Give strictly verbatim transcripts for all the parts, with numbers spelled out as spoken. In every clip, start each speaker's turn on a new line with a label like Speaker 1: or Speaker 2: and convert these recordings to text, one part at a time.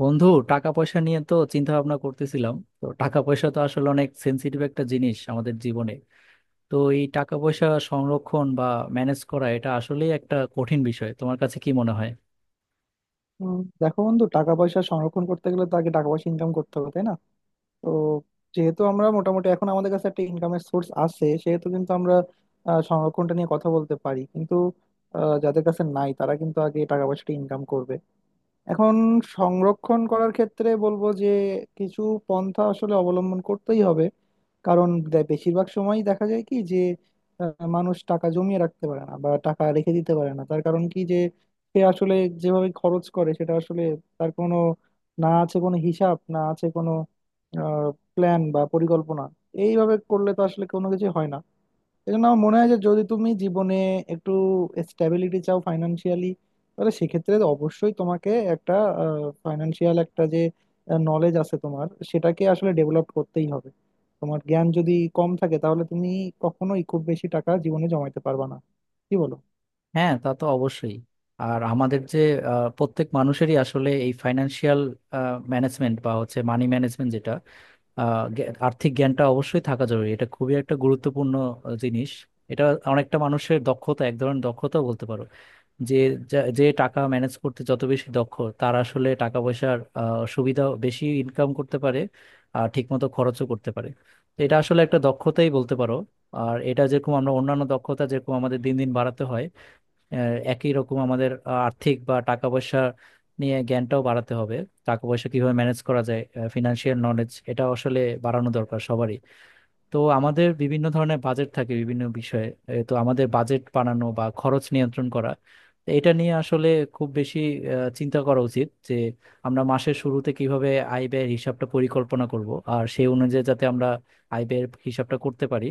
Speaker 1: বন্ধু, টাকা পয়সা নিয়ে তো চিন্তা ভাবনা করতেছিলাম। তো টাকা পয়সা তো আসলে অনেক সেন্সিটিভ একটা জিনিস আমাদের জীবনে। তো এই টাকা পয়সা সংরক্ষণ বা ম্যানেজ করা এটা আসলেই একটা কঠিন বিষয়, তোমার কাছে কি মনে হয়?
Speaker 2: উম, দেখো বন্ধু টাকা পয়সা সংরক্ষণ করতে গেলে তো আগে টাকা পয়সা ইনকাম করতে হবে, তাই না? তো যেহেতু আমরা মোটামুটি এখন আমাদের কাছে একটা ইনকামের সোর্স আছে, সেহেতু কিন্তু আমরা আহ, সংরক্ষণটা নিয়ে কথা বলতে পারি, কিন্তু আহ, যাদের কাছে নাই তারা কিন্তু আগে টাকা পয়সাটা ইনকাম করবে। এখন সংরক্ষণ করার ক্ষেত্রে বলবো যে কিছু পন্থা আসলে অবলম্বন করতেই হবে। কারণ দে- বেশিরভাগ সময়ই দেখা যায় কি যে আহ, মানুষ টাকা জমিয়ে রাখতে পারে না বা টাকা রেখে দিতে পারে না, তার কারণ কি যে সে আসলে যেভাবে খরচ করে সেটা আসলে তার কোনো, না আছে কোনো হিসাব না আছে কোনো প্ল্যান বা পরিকল্পনা। এইভাবে করলে তো আসলে কোনো কিছু হয় না। এই জন্য আমার মনে হয় যে যদি তুমি জীবনে একটু স্ট্যাবিলিটি চাও ফাইনান্সিয়ালি, তাহলে সেক্ষেত্রে অবশ্যই তোমাকে একটা ফাইনান্সিয়াল একটা যে নলেজ আছে তোমার সেটাকে আসলে ডেভেলপ করতেই হবে। তোমার জ্ঞান যদি কম থাকে তাহলে তুমি কখনোই খুব বেশি টাকা জীবনে জমাইতে পারবা না। কি বলো?
Speaker 1: হ্যাঁ, তা তো অবশ্যই। আর আমাদের যে আহ, প্রত্যেক মানুষেরই আসলে এই ফাইন্যান্সিয়াল ম্যানেজমেন্ট বা হচ্ছে মানি ম্যানেজমেন্ট যেটা, আহ, জ্ঞা- আর্থিক জ্ঞানটা অবশ্যই থাকা জরুরি। এটা খুবই একটা গুরুত্বপূর্ণ আহ, জিনিস। এটা অনেকটা মানুষের দক্ষতা, এক ধরনের দক্ষতা বলতে পারো। যে যা- যে টাকা ম্যানেজ করতে যত বেশি দক্ষ, তার আসলে টাকা পয়সার আহ, সুবিধা, বেশি ইনকাম করতে পারে আর ঠিকমতো খরচও করতে পারে। তো এটা আসলে একটা দক্ষতাই বলতে পারো। আর এটা যেরকম আমরা অন্যান্য দক্ষতা যেরকম আমাদের দিন দিন বাড়াতে হয়, আহ, একই রকম আমাদের আহ, আর্থিক বা টাকা পয়সা নিয়ে জ্ঞানটাও বাড়াতে হবে। টাকা পয়সা কিভাবে ম্যানেজ করা যায়, ফিনান্সিয়াল নলেজ, এটা আসলে বাড়ানো দরকার সবারই। তো আমাদের বিভিন্ন ধরনের বাজেট থাকে বিভিন্ন বিষয়ে। এ, তো আমাদের বাজেট বানানো বা খরচ নিয়ন্ত্রণ করা, তো এটা নিয়ে আসলে খুব বেশি আহ, চিন্তা করা উচিত, যে আমরা মাসের শুরুতে কিভাবে আয় ব্যয়ের হিসাবটা পরিকল্পনা করব, আর সেই অনুযায়ী যাতে আমরা আয় ব্যয়ের হিসাবটা করতে পারি।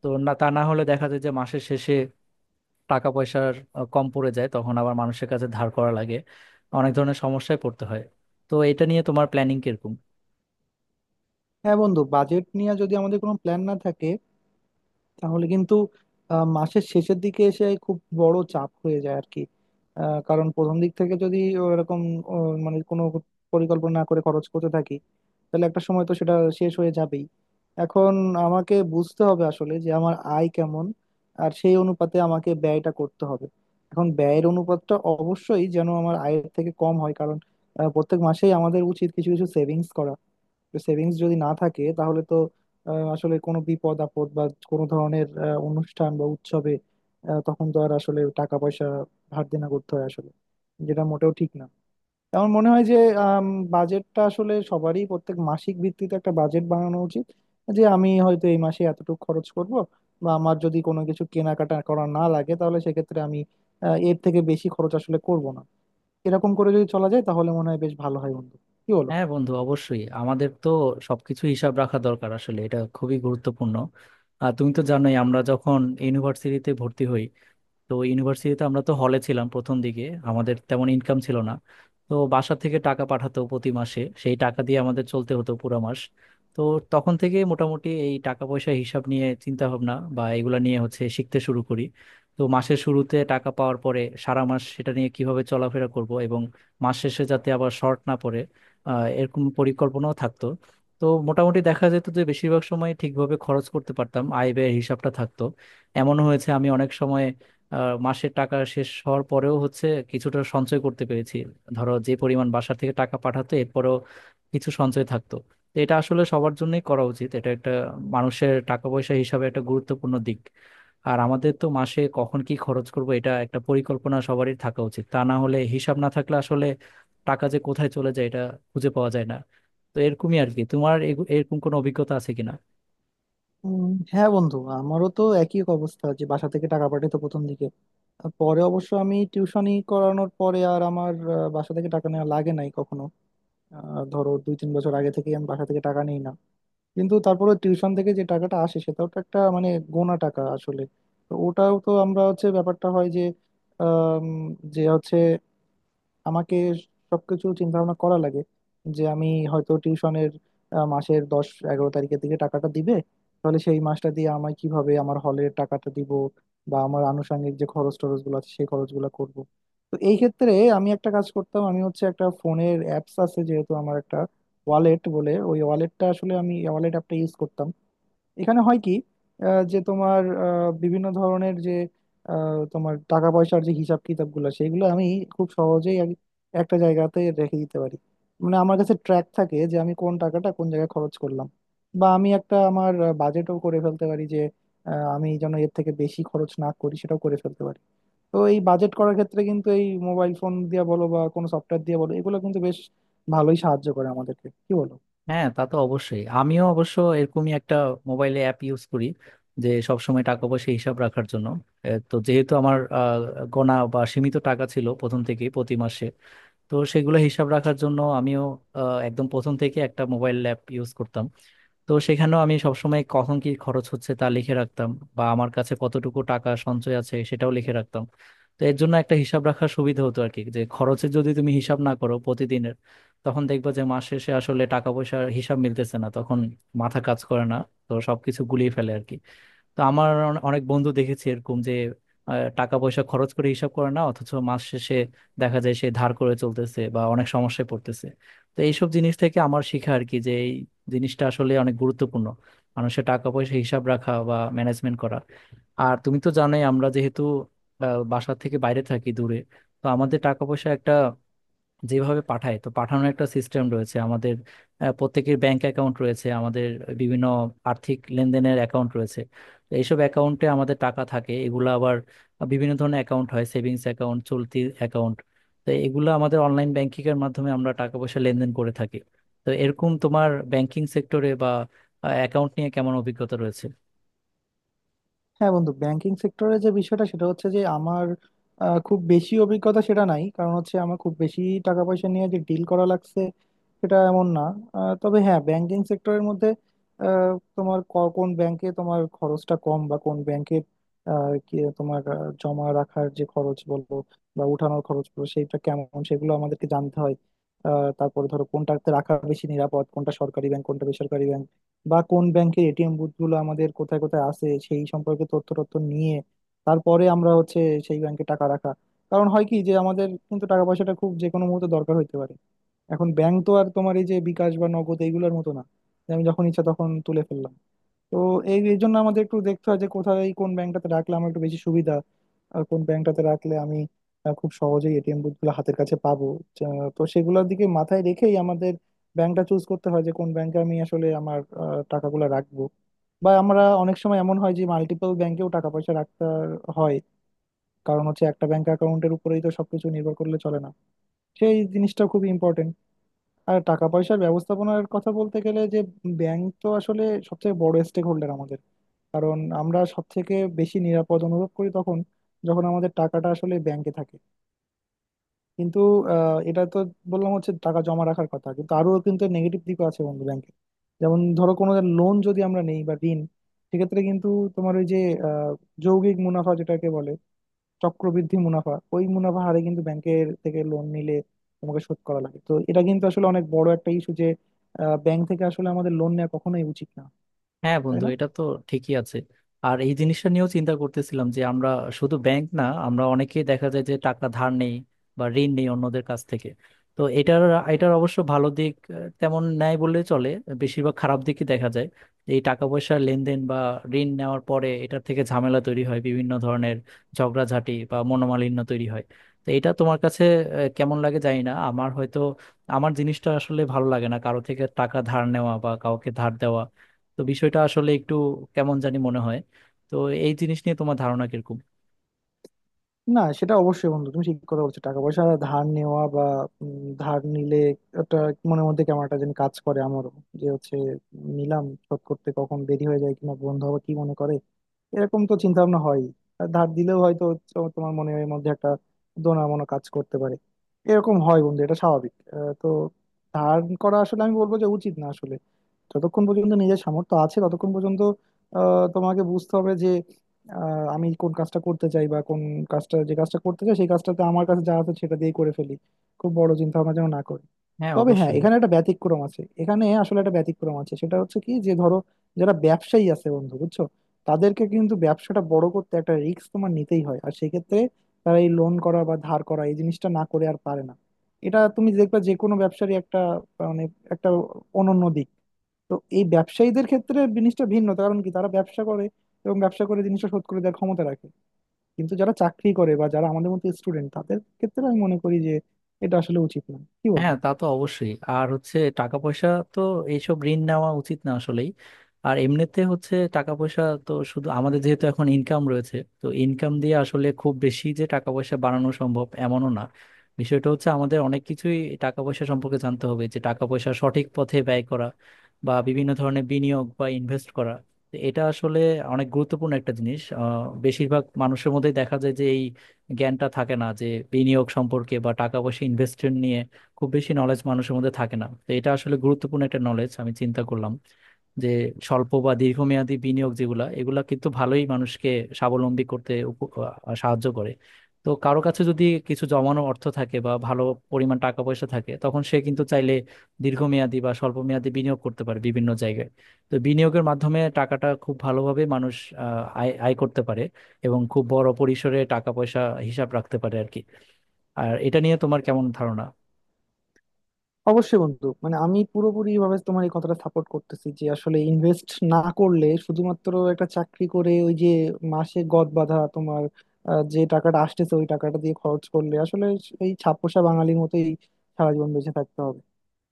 Speaker 1: তো না, তা না হলে দেখা যায় যে মাসের শেষে টাকা পয়সার আহ, কম পড়ে যায়, তখন আবার মানুষের কাছে ধার করা লাগে, অনেক ধরনের সমস্যায় পড়তে হয়। তো এটা নিয়ে তোমার প্ল্যানিং কিরকম?
Speaker 2: হ্যাঁ বন্ধু, বাজেট নিয়ে যদি আমাদের কোনো প্ল্যান না থাকে তাহলে কিন্তু আহ, মাসের শেষের দিকে এসে খুব বড় চাপ হয়ে যায় আর কি। আহ, কারণ প্রথম দিক থেকে যদি এরকম মানে কোনো পরিকল্পনা না করে খরচ করতে থাকি তাহলে একটা সময় তো সেটা শেষ হয়ে যাবেই। এখন আমাকে বুঝতে হবে আসলে যে আমার আয় কেমন, আর সেই অনুপাতে আমাকে ব্যয়টা করতে হবে। এখন ব্যয়ের অনুপাতটা অবশ্যই যেন আমার আয়ের থেকে কম হয়, কারণ আহ, প্রত্যেক মাসেই আমাদের উচিত কিছু কিছু সেভিংস করা। সেভিংস যদি না থাকে তাহলে তো আহ, আসলে কোনো বিপদ আপদ বা কোনো ধরনের আহ, অনুষ্ঠান বা উৎসবে আহ, তখন তো আর আসলে টাকা পয়সা ধার দেনা করতে হয় আসলে, যেটা মোটেও ঠিক না। আমার মনে হয় যে বাজেটটা আসলে সবারই প্রত্যেক মাসিক ভিত্তিতে একটা বাজেট বানানো উচিত, যে আমি হয়তো এই মাসে এতটুকু খরচ করব, বা আমার যদি কোনো কিছু কেনাকাটা করা না লাগে তাহলে সেক্ষেত্রে আমি আহ, এর থেকে বেশি খরচ আসলে করব না। এরকম করে যদি চলা যায় তাহলে মনে হয় বেশ ভালো হয় বন্ধু। কি বলো?
Speaker 1: হ্যাঁ বন্ধু, অবশ্যই আমাদের তো সবকিছু হিসাব রাখা দরকার, আসলে এটা খুবই গুরুত্বপূর্ণ। আর তুমি তো জানোই আমরা যখন ইউনিভার্সিটিতে ভর্তি হই, তো ইউনিভার্সিটিতে আমরা তো হলে ছিলাম প্রথম দিকে, আমাদের তেমন ইনকাম ছিল না। তো বাসা থেকে টাকা পাঠাতো প্রতি মাসে, সেই টাকা দিয়ে আমাদের চলতে হতো পুরো মাস। তো তখন থেকে মোটামুটি এই টাকা পয়সা হিসাব নিয়ে চিন্তা ভাবনা বা এগুলা নিয়ে হচ্ছে শিখতে শুরু করি। তো মাসের শুরুতে টাকা পাওয়ার পরে সারা মাস সেটা নিয়ে কিভাবে চলাফেরা করব এবং মাস শেষে যাতে আবার শর্ট না পড়ে, আহ, এরকম পরিকল্পনাও থাকতো। তো মোটামুটি দেখা যেত যে বেশিরভাগ সময় ঠিকভাবে খরচ করতে পারতাম, আয় ব্যয়ের হিসাবটা থাকতো। এমন হয়েছে আমি অনেক সময় আহ, মাসের টাকা শেষ হওয়ার পরেও হচ্ছে কিছুটা সঞ্চয় করতে পেরেছি। ধরো যে পরিমাণ বাসা থেকে টাকা পাঠাতো, এরপরেও কিছু সঞ্চয় থাকতো। তো এটা আসলে সবার জন্যই করা উচিত, এটা একটা মানুষের টাকা পয়সা হিসাবে একটা গুরুত্বপূর্ণ দিক। আর আমাদের তো মাসে কখন কি খরচ করব এটা একটা পরিকল্পনা সবারই থাকা উচিত, তা না হলে হিসাব না থাকলে আসলে টাকা যে কোথায় চলে যায় এটা খুঁজে পাওয়া যায় না। তো এরকমই আর কি, তোমার এগু- এরকম কোনো অভিজ্ঞতা আছে কিনা?
Speaker 2: উম, হ্যাঁ বন্ধু, আমারও তো একই অবস্থা, যে বাসা থেকে টাকা পাঠাতো প্রথম দিকে। আর পরে অবশ্য আমি টিউশনি করানোর পরে আর আমার আহ, বাসা থেকে টাকা নেওয়া লাগে নাই কখনো। আহ, ধরো দুই তিন বছর আগে থেকে আমি বাসা থেকে টাকা নেই না, কিন্তু তারপরে টিউশন থেকে যে টাকাটা আসে সেটাও তো একটা মানে গোনা টাকা আসলে। তো ওটাও তো আমরা হচ্ছে ব্যাপারটা হয় যে আম, যে হচ্ছে আমাকে সবকিছু চিন্তা ভাবনা করা লাগে, যে আমি হয়তো টিউশনের মাসের দশ এগারো তারিখের দিকে টাকাটা দিবে, তাহলে সেই মাসটা দিয়ে আমি কিভাবে আমার হলের টাকাটা দিব, বা আমার আনুষঙ্গিক যে খরচ টরচ গুলো আছে সেই খরচগুলো করব। তো এই ক্ষেত্রে আমি একটা কাজ করতাম, আমি হচ্ছে একটা ফোনের অ্যাপস আছে যেহেতু, আমার একটা ওয়ালেট বলে, ওই ওয়ালেটটা আসলে আমি ওয়ালেট অ্যাপটা ইউজ করতাম। এখানে হয় কি আহ, যে তোমার আহ, বিভিন্ন ধরনের যে আহ, তোমার টাকা পয়সার যে হিসাব কিতাব গুলো সেগুলো আমি খুব সহজেই আর একটা জায়গাতে রেখে দিতে পারি। মানে আমার কাছে ট্র্যাক থাকে যে আমি কোন টাকাটা কোন জায়গায় খরচ করলাম, বা আমি একটা আমার বাজেটও করে ফেলতে পারি যে আহ, আমি যেন এর থেকে বেশি খরচ না করি সেটাও করে ফেলতে পারি। তো এই বাজেট করার ক্ষেত্রে কিন্তু এই মোবাইল ফোন দিয়ে বলো বা কোনো সফটওয়্যার দিয়ে বলো, এগুলো কিন্তু বেশ ভালোই সাহায্য করে আমাদেরকে। কি বলো?
Speaker 1: হ্যাঁ, তা তো অবশ্যই। আমিও অবশ্য এরকমই একটা মোবাইলে অ্যাপ ইউজ করি, যে সবসময় টাকা পয়সা হিসাব রাখার জন্য। এ, তো যেহেতু আমার আহ, গোনা বা সীমিত টাকা ছিল প্রথম থেকেই প্রতি মাসে, তো সেগুলো হিসাব রাখার জন্য আমিও আহ, একদম প্রথম থেকে একটা মোবাইল অ্যাপ ইউজ করতাম। তো সেখানেও আমি সবসময় কখন কি খরচ হচ্ছে তা লিখে রাখতাম, বা আমার কাছে কতটুকু টাকা সঞ্চয় আছে সেটাও লিখে রাখতাম। তো এর জন্য একটা হিসাব রাখার সুবিধা হতো আর কি, যে খরচের যদি তুমি হিসাব না করো প্রতিদিনের, তখন দেখবা যে মাস শেষে আসলে টাকা পয়সার হিসাব মিলতেছে না, তখন মাথা কাজ করে না, তো সবকিছু গুলিয়ে ফেলে আর কি। তো আমার অনে- অনেক বন্ধু দেখেছি এরকম যে আহ, টাকা পয়সা খরচ করে হিসাব করে না, অথচ মাস শেষে দেখা যায় সে ধার করে চলতেছে বা অনেক সমস্যায় পড়তেছে। তো এইসব জিনিস থেকে আমার শিখা আর কি, যে এই জিনিসটা আসলে অনেক গুরুত্বপূর্ণ, মানুষের টাকা পয়সা হিসাব রাখা বা ম্যানেজমেন্ট করা। আর তুমি তো জানোই, আমরা যেহেতু আহ, বাসা থেকে বাইরে থাকি দূরে, তো আমাদের টাকা পয়সা একটা যেভাবে পাঠায়, তো পাঠানোর একটা সিস্টেম রয়েছে আমাদের। আহ, প্রত্যেকের ব্যাংক অ্যাকাউন্ট রয়েছে, আমাদের বিভিন্ন আর্থিক লেনদেনের অ্যাকাউন্ট রয়েছে। তো এইসব অ্যাকাউন্টে আমাদের টাকা থাকে, এগুলো আবার বিভিন্ন ধরনের অ্যাকাউন্ট হয়, সেভিংস অ্যাকাউন্ট, চলতি অ্যাকাউন্ট। তো এগুলো আমাদের অনলাইন ব্যাংকিং এর মাধ্যমে আমরা টাকা পয়সা লেনদেন করে থাকি। তো এরকম তোমার ব্যাংকিং সেক্টরে বা অ্যাকাউন্ট নিয়ে কেমন অভিজ্ঞতা রয়েছে?
Speaker 2: হ্যাঁ বন্ধু, ব্যাংকিং সেক্টরে যে বিষয়টা সেটা হচ্ছে যে আমার আহ, খুব বেশি অভিজ্ঞতা সেটা নাই, কারণ হচ্ছে আমার খুব বেশি টাকা পয়সা নিয়ে যে ডিল করা লাগছে সেটা এমন না। আহ, তবে হ্যাঁ, ব্যাংকিং সেক্টরের মধ্যে আহ, তোমার ক- কোন ব্যাংকে তোমার খরচটা কম বা কোন ব্যাংকে তোমার আহ, জমা রাখার যে খরচ বলবো বা উঠানোর খরচ বলবো সেইটা কেমন সেগুলো আমাদেরকে জানতে হয়। আহ, তারপরে ধরো কোনটাতে রাখা বেশি নিরাপদ, কোনটা সরকারি ব্যাংক, কোনটা বেসরকারি ব্যাংক, বা কোন ব্যাংকের এ টি এম বুথগুলো আমাদের কোথায় কোথায় আছে সেই সম্পর্কে তথ্য তথ্য নিয়ে তারপরে আমরা হচ্ছে সেই ব্যাংকে টাকা রাখা। কারণ হয় কি যে আমাদের কিন্তু টাকা পয়সাটা খুব যে কোনো মুহূর্তে দরকার হইতে পারে। এখন ব্যাংক তো আর তোমার এই যে বিকাশ বা নগদ এইগুলোর মতো না, যে আমি যখন ইচ্ছা তখন তুলে ফেললাম। তো এই এই জন্য আমাদের একটু দেখতে হয় যে কোথায় কোন ব্যাংকটাতে রাখলে আমার একটু বেশি সুবিধা, আর কোন ব্যাংকটাতে রাখলে আমি আহ, খুব সহজেই এ টি এম বুথগুলো হাতের কাছে পাবো। যা- তো সেগুলোর দিকে মাথায় রেখেই আমাদের ব্যাংকটা চুজ করতে হয় যে কোন ব্যাংকে আমি আসলে আমার আহ, টাকাগুলো রাখবো। বা আমরা অনেক সময় এমন হয় যে মাল্টিপল ব্যাংকেও টাকা পয়সা রাখতে হয়, কারণ হচ্ছে একটা ব্যাংক অ্যাকাউন্টের উপরেই তো সবকিছু নির্ভর করলে চলে না। সেই জিনিসটা খুব ইম্পর্টেন্ট। আর টাকা পয়সার ব্যবস্থাপনার কথা বলতে গেলে যে ব্যাংক তো আসলে সবচেয়ে বড় স্টেক হোল্ডার আমাদের, কারণ আমরা সব থেকে বেশি নিরাপদ অনুভব করি তখন যখন আমাদের টাকাটা আসলে ব্যাংকে থাকে। কিন্তু আহ, এটা তো বললাম হচ্ছে টাকা জমা রাখার কথা, কিন্তু আরো কিন্তু নেগেটিভ দিকও আছে বন্ধু ব্যাংকে। যেমন ধরো কোনো লোন যদি আমরা নেই বা ঋণ, সেক্ষেত্রে কিন্তু তোমার ওই যে আহ, যৌগিক মুনাফা যেটাকে বলে চক্রবৃদ্ধি মুনাফা, ওই মুনাফা হারে কিন্তু ব্যাংকের থেকে লোন নিলে তোমাকে শোধ করা লাগে। তো এটা কিন্তু আসলে অনেক বড় একটা ইস্যু যে ব্যাংক থেকে আসলে আমাদের লোন নেওয়া কখনোই উচিত না।
Speaker 1: হ্যাঁ
Speaker 2: তাই
Speaker 1: বন্ধু,
Speaker 2: না?
Speaker 1: এটা তো ঠিকই আছে। আর এই জিনিসটা নিয়েও চিন্তা করতেছিলাম যে আমরা শুধু ব্যাংক না, আমরা অনেকেই দেখা যায় যে টাকা ধার নেই বা ঋণ নেই অন্যদের কাছ থেকে। তো এটার এটার অবশ্য ভালো দিক আহ, তেমন নেয় বললে চলে, বেশিরভাগ খারাপ দিকই দেখা যায়। এই টাকা পয়সার লেনদেন বা ঋণ নেওয়ার পরে এটার থেকে ঝামেলা তৈরি হয় বিভিন্ন ধরনের, ঝগড়াঝাটি বা মনোমালিন্য তৈরি হয়। তো এটা তোমার কাছে আহ, কেমন লাগে জানি না, আমার হয়তো, আমার জিনিসটা আসলে ভালো লাগে না, কারো থেকে টাকা ধার নেওয়া বা কাউকে ধার দেওয়া। তো বিষয়টা আসলে একটু কেমন জানি মনে হয়। তো এই জিনিস নিয়ে তোমার ধারণা কিরকম?
Speaker 2: না সেটা অবশ্যই বন্ধু, তুমি ঠিক কথা বলছো। টাকা পয়সা ধার নেওয়া বা উম, ধার নিলে একটা মনের মধ্যে কেমন একটা যেন কাজ করে আমারও, যে হচ্ছে নিলাম শোধ করতে কখন দেরি হয়ে যায় কিনা বন্ধু, আবার কি মনে করে, এরকম তো চিন্তা ভাবনা হয়। আর ধার দিলেও হয়তো তো- তোমার মনের মধ্যে একটা দোনা মনো কাজ করতে পারে। এরকম হয় বন্ধু, এটা স্বাভাবিক। আহ, তো ধার করা আসলে আমি বলবো যে উচিত না আসলে। যতক্ষণ পর্যন্ত নিজের সামর্থ্য আছে ততক্ষণ পর্যন্ত আহ, তোমাকে বুঝতে হবে আহ, আমি কোন কাজটা করতে চাই, বা কোন কাজটা যে কাজটা করতে চাই সেই কাজটাতে আমার কাছে যা আছে সেটা দিয়েই করে ফেলি, খুব বড় চিন্তা ভাবনা যেন না করি।
Speaker 1: হ্যাঁ,
Speaker 2: তবে হ্যাঁ,
Speaker 1: অবশ্যই।
Speaker 2: এখানে একটা ব্যতিক্রম আছে, এখানে আসলে একটা ব্যতিক্রম আছে, সেটা হচ্ছে কি যে ধরো যারা ব্যবসায়ী আছে বন্ধু বুঝছো, তাদেরকে কিন্তু ব্যবসাটা বড় করতে একটা রিস্ক তোমার নিতেই হয়, আর সেক্ষেত্রে তারা এই লোন করা বা ধার করা এই জিনিসটা না করে আর পারে না। এটা তুমি দেখবা যে কোনো ব্যবসারই একটা মানে একটা অনন্য দিক। তো এই ব্যবসায়ীদের ক্ষেত্রে জিনিসটা ভিন্ন কারণ কি, এবং ব্যবসা করে জিনিসটা শোধ করে দেওয়ার ক্ষমতা রাখে। কিন্তু যারা চাকরি করে বা যারা আমাদের মতো স্টুডেন্ট তাদের ক্ষেত্রে আমি মনে করি যে এটা আসলে উচিত না। কি বলবো?
Speaker 1: হ্যাঁ, তা তো অবশ্যই। আর হচ্ছে টাকা পয়সা, তো এইসব ঋণ নেওয়া উচিত না আসলেই। আর এমনিতে হচ্ছে টাকা পয়সা তো শুধু আমাদের যেহেতু এখন ইনকাম রয়েছে, তো ইনকাম দিয়ে আসলে খুব বেশি যে টাকা পয়সা বাড়ানো সম্ভব এমনও না। বিষয়টা হচ্ছে আমাদের অনেক কিছুই টাকা পয়সা সম্পর্কে জানতে হবে, যে টাকা পয়সা সঠিক পথে ব্যয় করা বা বিভিন্ন ধরনের বিনিয়োগ বা ইনভেস্ট করা। তো এটা আসলে অনেক গুরুত্বপূর্ণ একটা জিনিস। আহ, বেশিরভাগ মানুষের মধ্যেই দেখা যায় যে এই জ্ঞানটা থাকে না, যে বিনিয়োগ সম্পর্কে বা টাকা পয়সা ইনভেস্টমেন্ট নিয়ে খুব বেশি নলেজ মানুষের মধ্যে থাকে না। তো এটা আসলে গুরুত্বপূর্ণ একটা নলেজ, আমি চিন্তা করলাম যে স্বল্প বা দীর্ঘমেয়াদী বিনিয়োগ যেগুলা, এগুলা কিন্তু ভালোই মানুষকে স্বাবলম্বী করতে উপ- আহ, সাহায্য করে। তো কারো কাছে যদি কিছু জমানো অর্থ থাকে বা ভালো পরিমাণ টাকা পয়সা থাকে, তখন সে কিন্তু চাইলে দীর্ঘমেয়াদী বা স্বল্প মেয়াদী বিনিয়োগ করতে পারে বিভিন্ন জায়গায়। তো বিনিয়োগের মাধ্যমে টাকাটা খুব ভালোভাবে মানুষ আহ, আয় আয় করতে পারে এবং খুব বড় পরিসরে টাকা পয়সা হিসাব রাখতে পারে আর কি। আর এটা নিয়ে তোমার কেমন ধারণা?
Speaker 2: অবশ্যই বন্ধু, মানে আমি পুরোপুরি ভাবে তোমার এই কথাটা সাপোর্ট করতেছি, যে আসলে ইনভেস্ট না করলে শুধুমাত্র একটা চাকরি করে ওই যে মাসে গদ বাঁধা তোমার আহ, যে টাকাটা আসতেছে ওই টাকাটা দিয়ে খরচ করলে আসলে এই ছাপোষা বাঙালির মতোই সারা জীবন বেঁচে থাকতে হবে।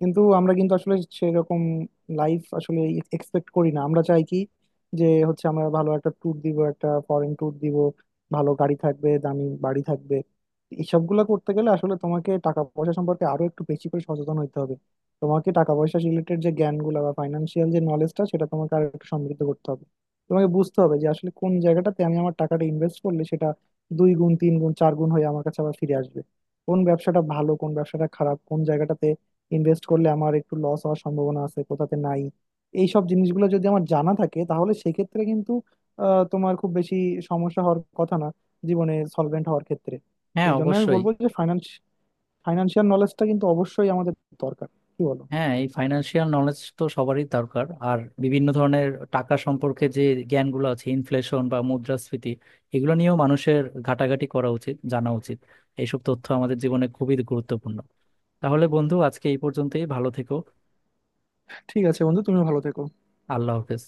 Speaker 2: কিন্তু আমরা কিন্তু আসলে সেরকম লাইফ আসলে এক্সপেক্ট করি না। আমরা চাই কি যে হচ্ছে আমরা ভালো একটা ট্যুর দিব, একটা ফরেন ট্যুর দিব, ভালো গাড়ি থাকবে, দামি বাড়ি থাকবে। এইসবগুলো করতে গেলে আসলে তোমাকে টাকা পয়সা সম্পর্কে আরো একটু বেশি করে সচেতন হতে হবে। তোমাকে টাকা পয়সা রিলেটেড যে জ্ঞানগুলো বা ফাইন্যান্সিয়াল যে নলেজটা সেটা তোমাকে আর একটু সমৃদ্ধ করতে হবে। তোমাকে বুঝতে হবে যে আসলে কোন জায়গাটাতে আমি আমার টাকাটা ইনভেস্ট করলে সেটা দুই গুণ তিন গুণ চার গুণ হয়ে আমার কাছে আবার ফিরে আসবে, কোন ব্যবসাটা ভালো কোন ব্যবসাটা খারাপ, কোন জায়গাটাতে ইনভেস্ট করলে আমার একটু লস হওয়ার সম্ভাবনা আছে কোথাতে নাই। এই সব জিনিসগুলো যদি আমার জানা থাকে তাহলে সেক্ষেত্রে কিন্তু আহ, তোমার খুব বেশি সমস্যা হওয়ার কথা না জীবনে সলভেন্ট হওয়ার ক্ষেত্রে।
Speaker 1: হ্যাঁ,
Speaker 2: এই জন্য আমি
Speaker 1: অবশ্যই।
Speaker 2: বলবো যে ফাইন্যান্স ফাইন্যান্সিয়াল নলেজটা কিন্তু অবশ্যই আমাদের দরকার। কি বলো?
Speaker 1: হ্যাঁ, এই ফাইন্যান্সিয়াল নলেজ তো সবারই দরকার। আর বিভিন্ন ধরনের টাকা সম্পর্কে যে জ্ঞানগুলো আছে, ইনফ্লেশন বা মুদ্রাস্ফীতি, এগুলো নিয়েও মানুষের ঘাটাঘাটি করা উচিত, জানা উচিত। এইসব তথ্য আমাদের জীবনে খুবই গুরুত্বপূর্ণ। তাহলে বন্ধু, আজকে এই পর্যন্তই। ভালো থেকো।
Speaker 2: ঠিক আছে বন্ধু, তুমি ভালো থেকো।
Speaker 1: আল্লাহ হাফেজ।